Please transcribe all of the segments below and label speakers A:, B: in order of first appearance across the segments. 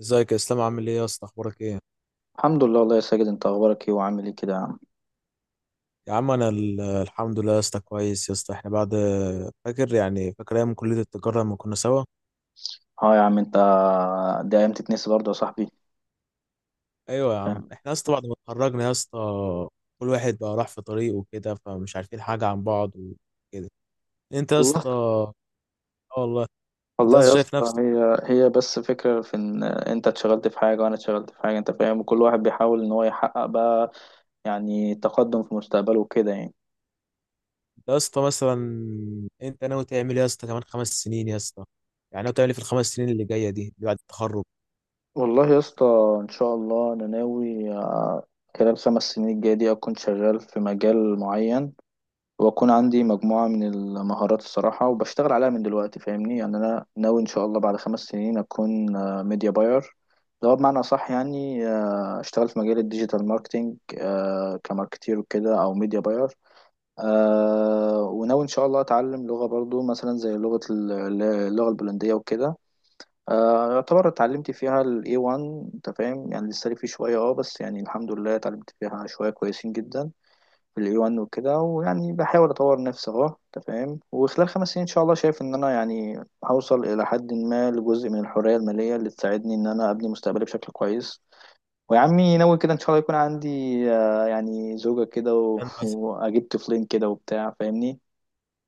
A: ازيك يا اسلام؟ عامل ايه يا اسطى؟ اخبارك ايه؟
B: الحمد لله والله يا ساجد، انت اخبارك ايه وعامل ايه كده يا عم؟
A: يا عم انا الحمد لله يا اسطى، كويس يا اسطى. احنا بعد فاكر، يعني ايام كلية التجارة لما كنا سوا.
B: اه، يا عم، انت دي ايام تتنسي برضه يا صاحبي.
A: ايوه يا عم،
B: فاهم؟
A: احنا يا اسطى بعد ما اتخرجنا يا اسطى كل واحد بقى راح في طريقه وكده، فمش عارفين حاجة عن بعض وكده. انت يا
B: والله.
A: اسطى اه. والله. انت يا
B: والله
A: اسطى
B: يا
A: شايف
B: اسطى،
A: نفسك؟
B: هي بس فكرة في ان انت اتشغلت في حاجة وانا اتشغلت في حاجة، انت فاهم، وكل واحد بيحاول ان هو يحقق بقى يعني تقدم في مستقبله وكده يعني.
A: انت يا اسطى مثلا انت ناوي تعمل ايه يا اسطى كمان 5 سنين يا اسطى؟ يعني ناوي تعمل ايه في ال 5 سنين اللي جايه دي اللي بعد التخرج؟
B: والله يا اسطى، ان شاء الله انا ناوي خلال 5 سنين الجاية دي اكون شغال في مجال معين، واكون عندي مجموعة من المهارات الصراحة وبشتغل عليها من دلوقتي فاهمني. يعني انا ناوي ان شاء الله بعد 5 سنين اكون ميديا باير، اللي هو بمعنى صح يعني. اشتغل في مجال الديجيتال ماركتينج، كماركتير وكده او ميديا باير. وناوي ان شاء الله اتعلم لغة برضو مثلا زي اللغة البولندية وكده. يعتبر اتعلمت فيها ال A1، انت فاهم، يعني لسه لي فيه شوية اه، بس يعني الحمد لله اتعلمت فيها شوية كويسين جدا في الاي 1 وكده، ويعني بحاول اطور نفسي اهو انت فاهم. وخلال 5 سنين ان شاء الله شايف ان انا يعني هوصل الى حد ما لجزء من الحريه الماليه اللي تساعدني ان انا ابني مستقبلي بشكل كويس. ويا عمي ناوي كده ان شاء الله يكون عندي يعني زوجة كده و...
A: انت يا اسطى،
B: واجيب طفلين كده وبتاع، فاهمني.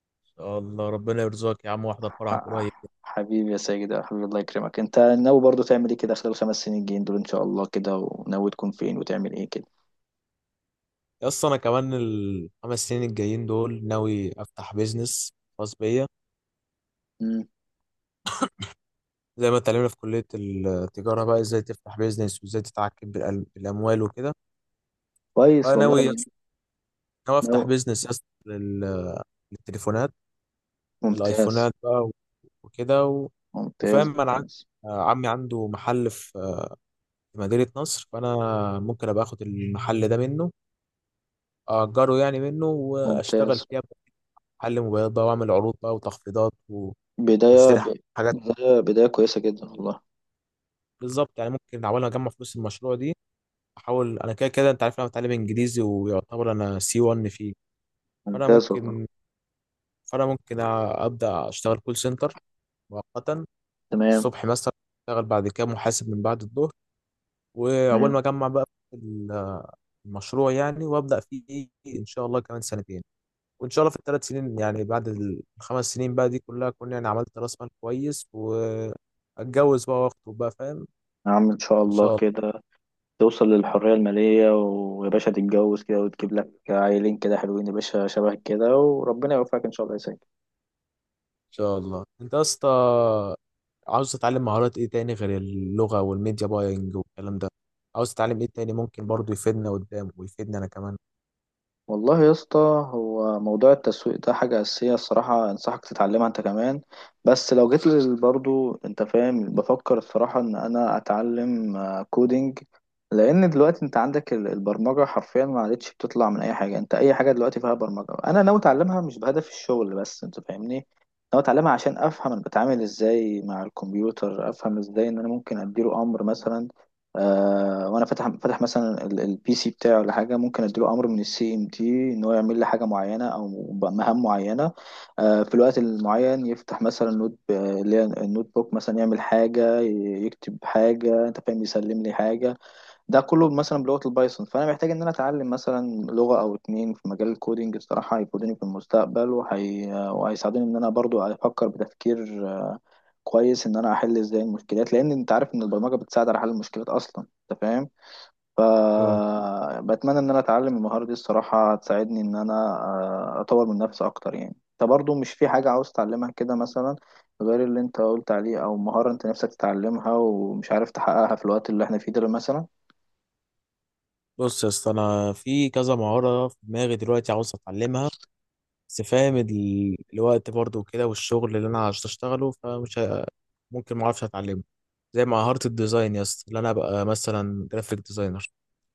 A: ان شاء الله ربنا يرزقك يا عم واحضر فرحك قريب.
B: حبيبي يا ساجد، يا حبيبي الله يكرمك. انت ناوي برضو تعمل ايه كده خلال الخمس سنين الجايين دول ان شاء الله كده؟ وناوي تكون فين وتعمل ايه كده؟
A: يا اسطى انا كمان ال 5 سنين الجايين دول ناوي افتح بيزنس خاص بيا،
B: مم.
A: زي ما اتعلمنا في كليه التجاره بقى ازاي تفتح بيزنس وازاي تتحكم بالاموال وكده.
B: كويس
A: فناوي
B: والله.
A: ناوي
B: ناوي.
A: افتح بيزنس يا اسطى للتليفونات،
B: ممتاز.
A: للايفونات بقى وكده
B: ممتاز.
A: وفاهم انا عندي،
B: ممتاز.
A: عمي عنده محل في في مدينه نصر. فانا ممكن ابقى اخد المحل ده منه، اجره يعني منه، واشتغل
B: ممتاز.
A: فيه أبقى محل موبايلات بقى، واعمل عروض بقى وتخفيضات
B: بداية
A: واشتري.
B: بداية كويسة جدا والله.
A: بالظبط، يعني ممكن احاول اجمع فلوس المشروع دي. احاول انا كده كده، انت عارف انا بتعلم انجليزي ويعتبر انا سي C1 فيه. فانا
B: ممتاز والله.
A: ممكن فانا ممكن أ- ابدا اشتغل كول سنتر مؤقتا،
B: تمام.
A: الصبح مثلا، اشتغل بعد كده محاسب من بعد الظهر. واول ما
B: تمام.
A: اجمع بقى ال- المشروع يعني، وابدا فيه ان شاء الله كمان سنتين. وان شاء الله في ال 3 سنين يعني بعد ال 5 سنين بقى دي كلها، اكون يعني عملت راس مال كويس واتجوز بقى واخطب بقى، فاهم؟
B: يا عم إن شاء
A: ان شاء
B: الله
A: الله.
B: كده توصل للحرية المالية، ويا باشا تتجوز كده وتجيب لك عيلين كده حلوين يا باشا شبه كده، وربنا يوفقك إن شاء الله يا سيد.
A: انت يا اسطى عاوز تتعلم مهارات ايه تاني غير اللغة والميديا باينج والكلام ده؟ عاوز تتعلم ايه تاني ممكن برضو يفيدنا قدام ويفيدنا انا كمان؟
B: والله يا اسطى، هو موضوع التسويق ده حاجة أساسية الصراحة، أنصحك تتعلمها أنت كمان. بس لو برضو أنت فاهم، بفكر الصراحة إن أنا أتعلم كودينج، لأن دلوقتي أنت عندك البرمجة حرفيا ما عادتش بتطلع من أي حاجة. أنت أي حاجة دلوقتي فيها برمجة، أنا ناوي أتعلمها مش بهدف الشغل بس، أنت فاهمني. ناوي أتعلمها عشان أفهم أنا بتعامل إزاي مع الكمبيوتر، أفهم إزاي إن أنا ممكن أديله أمر مثلا. آه، وانا فاتح مثلا البي سي بتاعي ولا حاجه، ممكن اديله امر من السي ام تي ان هو يعمل لي حاجه معينه او مهام معينه آه في الوقت المعين. يفتح مثلا اللي هي النوت بوك مثلا، يعمل حاجه يكتب حاجه، انت فاهم، يسلم لي حاجه. ده كله مثلا بلغه البايثون، فانا محتاج ان انا اتعلم مثلا لغه او اتنين في مجال الكودينج الصراحه هيفيدوني في المستقبل، وهيساعدوني ان انا برضو افكر بتفكير كويس ان انا احل ازاي المشكلات، لان انت عارف ان البرمجه بتساعد على حل المشكلات اصلا. انت فاهم؟
A: آه.
B: فبتمنى ان انا اتعلم المهارة دي الصراحة هتساعدني ان انا اطور من نفسي اكتر يعني. انت برضو مش في حاجة عاوز تتعلمها كده مثلا، غير اللي انت قلت عليه، او مهارة انت نفسك تتعلمها ومش عارف تحققها في الوقت اللي احنا فيه ده مثلا؟
A: بص يا اسطى انا في كذا مهارة في دماغي دلوقتي عاوز اتعلمها، بس فاهم الوقت برضو وكده والشغل اللي انا عاوز اشتغله، ممكن ما اعرفش اتعلمه. زي مهارة الديزاين يا اسطى، اللي انا ابقى مثلا جرافيك ديزاينر.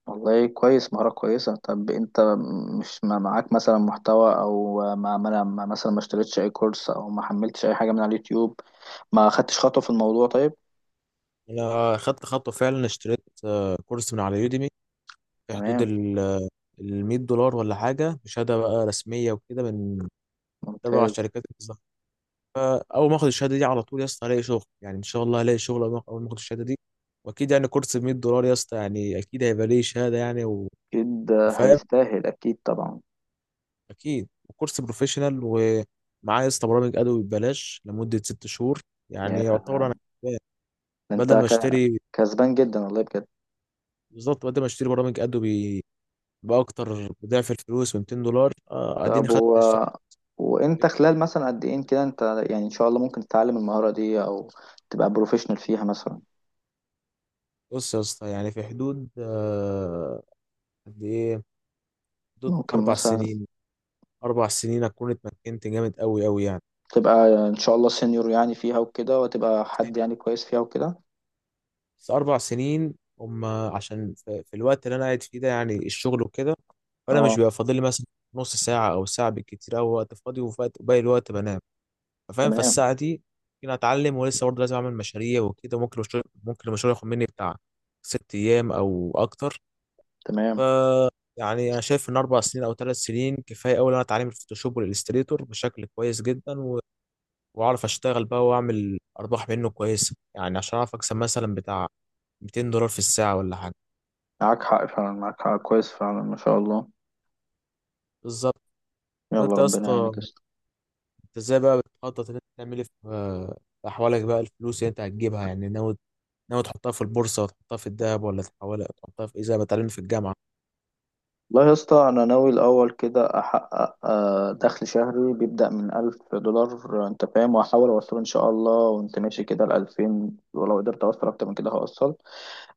B: والله كويس، مهارة كويسة. طب انت مش ما معاك مثلا محتوى، او مثلا ما اشتريتش اي كورس او ما حملتش اي حاجة من على اليوتيوب؟ ما خدتش خطوة في الموضوع طيب.
A: انا خدت خطوة فعلا، اشتريت كورس من على يوديمي في حدود
B: تمام.
A: ال $100 ولا حاجة، بشهادة بقى رسمية وكده، من تبع
B: ممتاز.
A: الشركات الزهراء. اول ما اخد الشهاده دي على طول يا اسطى هلاقي شغل، يعني ان شاء الله هلاقي شغل اول ما أول ما اخد الشهاده دي. واكيد يعني كورس ب $100 يا اسطى، يعني اكيد هيبقى ليه شهاده يعني
B: اكيد
A: وفاهم.
B: هيستاهل، اكيد طبعا.
A: اكيد، وكورس بروفيشنال ومعاه يا اسطى برامج ادوي ببلاش لمده 6 شهور. يعني يعتبر انا كسبان.
B: انت
A: بدل ما
B: ك-
A: اشتري،
B: كسبان جدا والله بجد.
A: بالظبط، بدل ما اشتري برامج ادوبي باكتر بضعف الفلوس ب $200، اديني
B: طب و...
A: خدت الشهر.
B: وانت خلال مثلا قد ايه كده انت يعني ان شاء الله ممكن تتعلم المهارة دي او تبقى بروفيشنال فيها مثلا؟
A: بص يا اسطى يعني في حدود قد ايه، حدود
B: ممكن
A: اربع
B: مثلا
A: سنين. اربع سنين اكون اتمكنت جامد قوي قوي يعني.
B: تبقى ان شاء الله سينيور يعني فيها وكده، وتبقى حد يعني كويس فيها وكده.
A: بس 4 سنين هم، عشان في الوقت اللي انا قاعد فيه ده يعني الشغل وكده، فانا مش
B: اه.
A: بيبقى فاضل لي مثلا نص ساعه او ساعه بالكتير او وقت فاضي، وباقي الوقت بنام، فاهم؟
B: تمام.
A: فالساعه دي ممكن اتعلم، ولسه برضه لازم اعمل مشاريع وكده. ممكن الشغل، ممكن المشروع ياخد مني بتاع 6 ايام او اكتر.
B: تمام.
A: فيعني انا شايف ان 4 سنين او 3 سنين كفايه قوي ان انا اتعلم الفوتوشوب والاستريتور بشكل كويس جدا، واعرف اشتغل بقى واعمل ارباح منه كويسه يعني، عشان اعرف اكسب مثلا بتاع $200 في الساعه ولا حاجه.
B: معاك حق فعلا، معاك حق، كويس فعلا ما شاء الله.
A: بالظبط.
B: يلا
A: وانت يا
B: ربنا
A: اسطى،
B: يعينك.
A: انت ازاي بقى بتخطط ان انت تعمل ايه في في احوالك بقى؟ الفلوس اللي انت هتجيبها يعني، ناوي تحطها في البورصه وتحطها في الذهب، ولا تحولها تحطها في ايه، زي ما اتعلمنا في الجامعه؟
B: والله يا اسطى، انا ناوي الاول كده احقق دخل شهري بيبدا من 1000 دولار، انت فاهم، واحاول اوصله ان شاء الله وانت ماشي كده ل 2000، ولو قدرت اوصل اكتر من كده هوصل.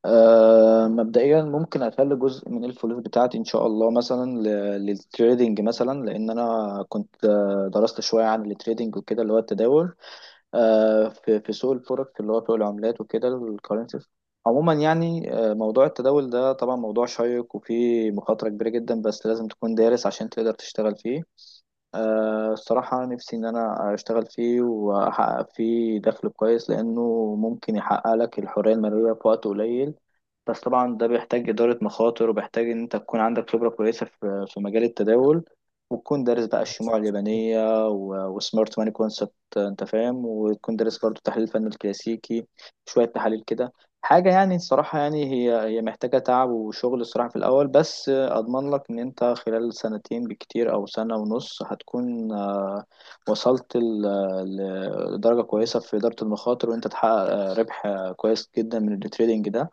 B: مبدئيا ممكن اخلي جزء من الفلوس بتاعتي ان شاء الله مثلا للتريدينج مثلا، لان انا كنت درست شويه عن التريدينج وكده، اللي هو التداول في سوق الفوركس اللي هو سوق العملات وكده الكرنسيز عموما يعني. موضوع التداول ده طبعا موضوع شيق وفيه مخاطرة كبيرة جدا، بس لازم تكون دارس عشان تقدر تشتغل فيه. الصراحة نفسي إن أنا أشتغل فيه وأحقق فيه دخل كويس، لأنه ممكن يحقق لك الحرية المالية في وقت قليل. بس طبعا ده بيحتاج إدارة مخاطر، وبيحتاج إن أنت تكون عندك خبرة كويسة في مجال التداول، وتكون دارس بقى الشموع اليابانية وسمارت ماني كونسبت، أنت فاهم. وتكون دارس برضه تحليل فن الكلاسيكي، شوية تحاليل كده. حاجة يعني الصراحة يعني هي محتاجة تعب وشغل الصراحة في الأول. بس أضمن لك إن أنت خلال سنتين بكتير أو سنة ونص هتكون وصلت لدرجة كويسة في إدارة المخاطر، وأنت تحقق ربح كويس جدا من التريدينج ده.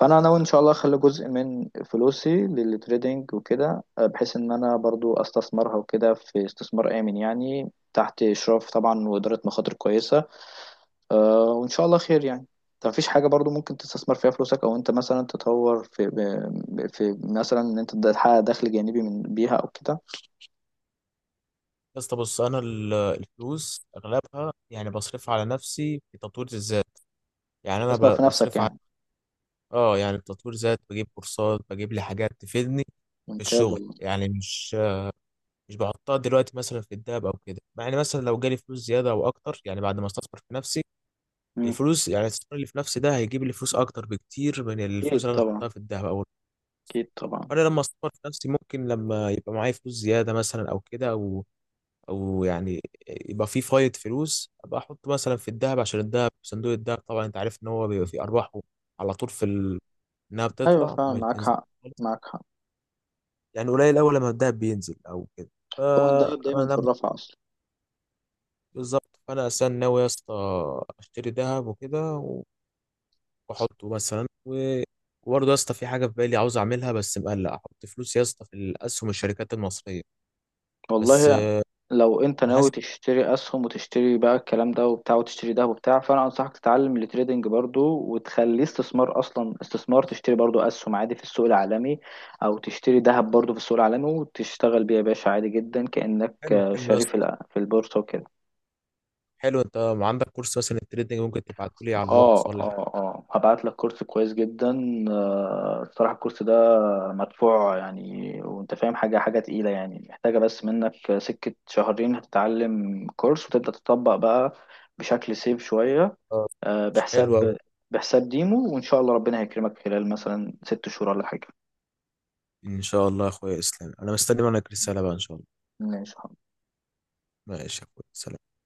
B: فأنا ناوي إن شاء الله أخلي جزء من فلوسي للتريدينج وكده، بحيث إن أنا برضو أستثمرها وكده في استثمار آمن، يعني تحت إشراف طبعا وإدارة مخاطر كويسة. آه، وإن شاء الله خير يعني. انت مفيش حاجة برضو ممكن تستثمر فيها فلوسك، أو أنت مثلا تطور في في مثلا إن أنت تحقق دخل جانبي من بيها أو كده؟
A: يا اسطى بص انا الفلوس اغلبها يعني بصرفها على نفسي في تطوير الذات. يعني انا
B: استثمر في نفسك
A: بصرفها على،
B: يعني.
A: اه، يعني تطوير ذات، بجيب كورسات، بجيب لي حاجات تفيدني في
B: ممتاز
A: الشغل
B: والله.
A: يعني. مش بحطها دلوقتي مثلا في الدهب او كده، مع ان مثلا لو جالي فلوس زياده او اكتر يعني بعد ما استثمر في نفسي،
B: مم.
A: الفلوس يعني الاستثمار اللي في نفسي ده هيجيب لي فلوس اكتر بكتير من الفلوس
B: أكيد
A: اللي انا
B: طبعا.
A: هحطها في الدهب او،
B: أكيد طبعا.
A: انا لما استثمر في نفسي ممكن لما يبقى معايا فلوس زياده مثلا او كده، او او يعني يبقى في فايض فلوس، ابقى احط مثلا في الدهب، عشان الدهب، صندوق الدهب طبعا انت عارف ان هو بيبقى فيه ارباحه على طول في ال انها
B: أيوة
A: بتطلع
B: فعلا
A: ما
B: معاك
A: بتنزلش
B: حق.
A: خالص.
B: معاك حق.
A: يعني قليل اول لما الدهب بينزل او كده.
B: هو الدهب دايما في
A: فانا،
B: الرفع أصلا.
A: بالظبط، فانا اصلا ناوي يا اسطى اشتري ذهب وكده واحطه مثلا وبرضه يا اسطى في حاجه في بالي عاوز اعملها، بس مقلق احط فلوس يا اسطى في الاسهم الشركات المصريه. بس
B: والله،
A: آه،
B: لو انت
A: انا
B: ناوي
A: حاسس.
B: تشتري اسهم وتشتري بقى الكلام ده وبتاع وتشتري ده وبتاع، فانا انصحك تتعلم التريدنج برضو وتخليه استثمار، اصلا استثمار تشتري برضو اسهم عادي في السوق العالمي، او تشتري ذهب برضو في السوق العالمي وتشتغل بيه يا باشا عادي جدا، كأنك
A: حلو حلو يا
B: شاري في
A: اسطى،
B: في البورصة وكده.
A: حلو. انت عندك كورس مثلا التريدنج ممكن تبعته لي على
B: اه،
A: الواتس ولا حاجه؟
B: اه، اه، هبعت لك كورس كويس جدا. الصراحة الكورس ده مدفوع يعني، وانت فاهم حاجة حاجة تقيلة يعني، محتاجة بس منك سكة شهرين هتتعلم كورس وتبدأ تطبق بقى بشكل سيف شوية.
A: آه،
B: آه،
A: مش حلو قوي.
B: بحساب بحساب ديمو، وان شاء الله ربنا هيكرمك خلال مثلا 6 شهور ولا حاجة.
A: ان شاء الله يا اخويا اسلام انا مستني منك رساله بقى ان شاء الله.
B: ماشي.
A: ماشي يا اخويا، سلام.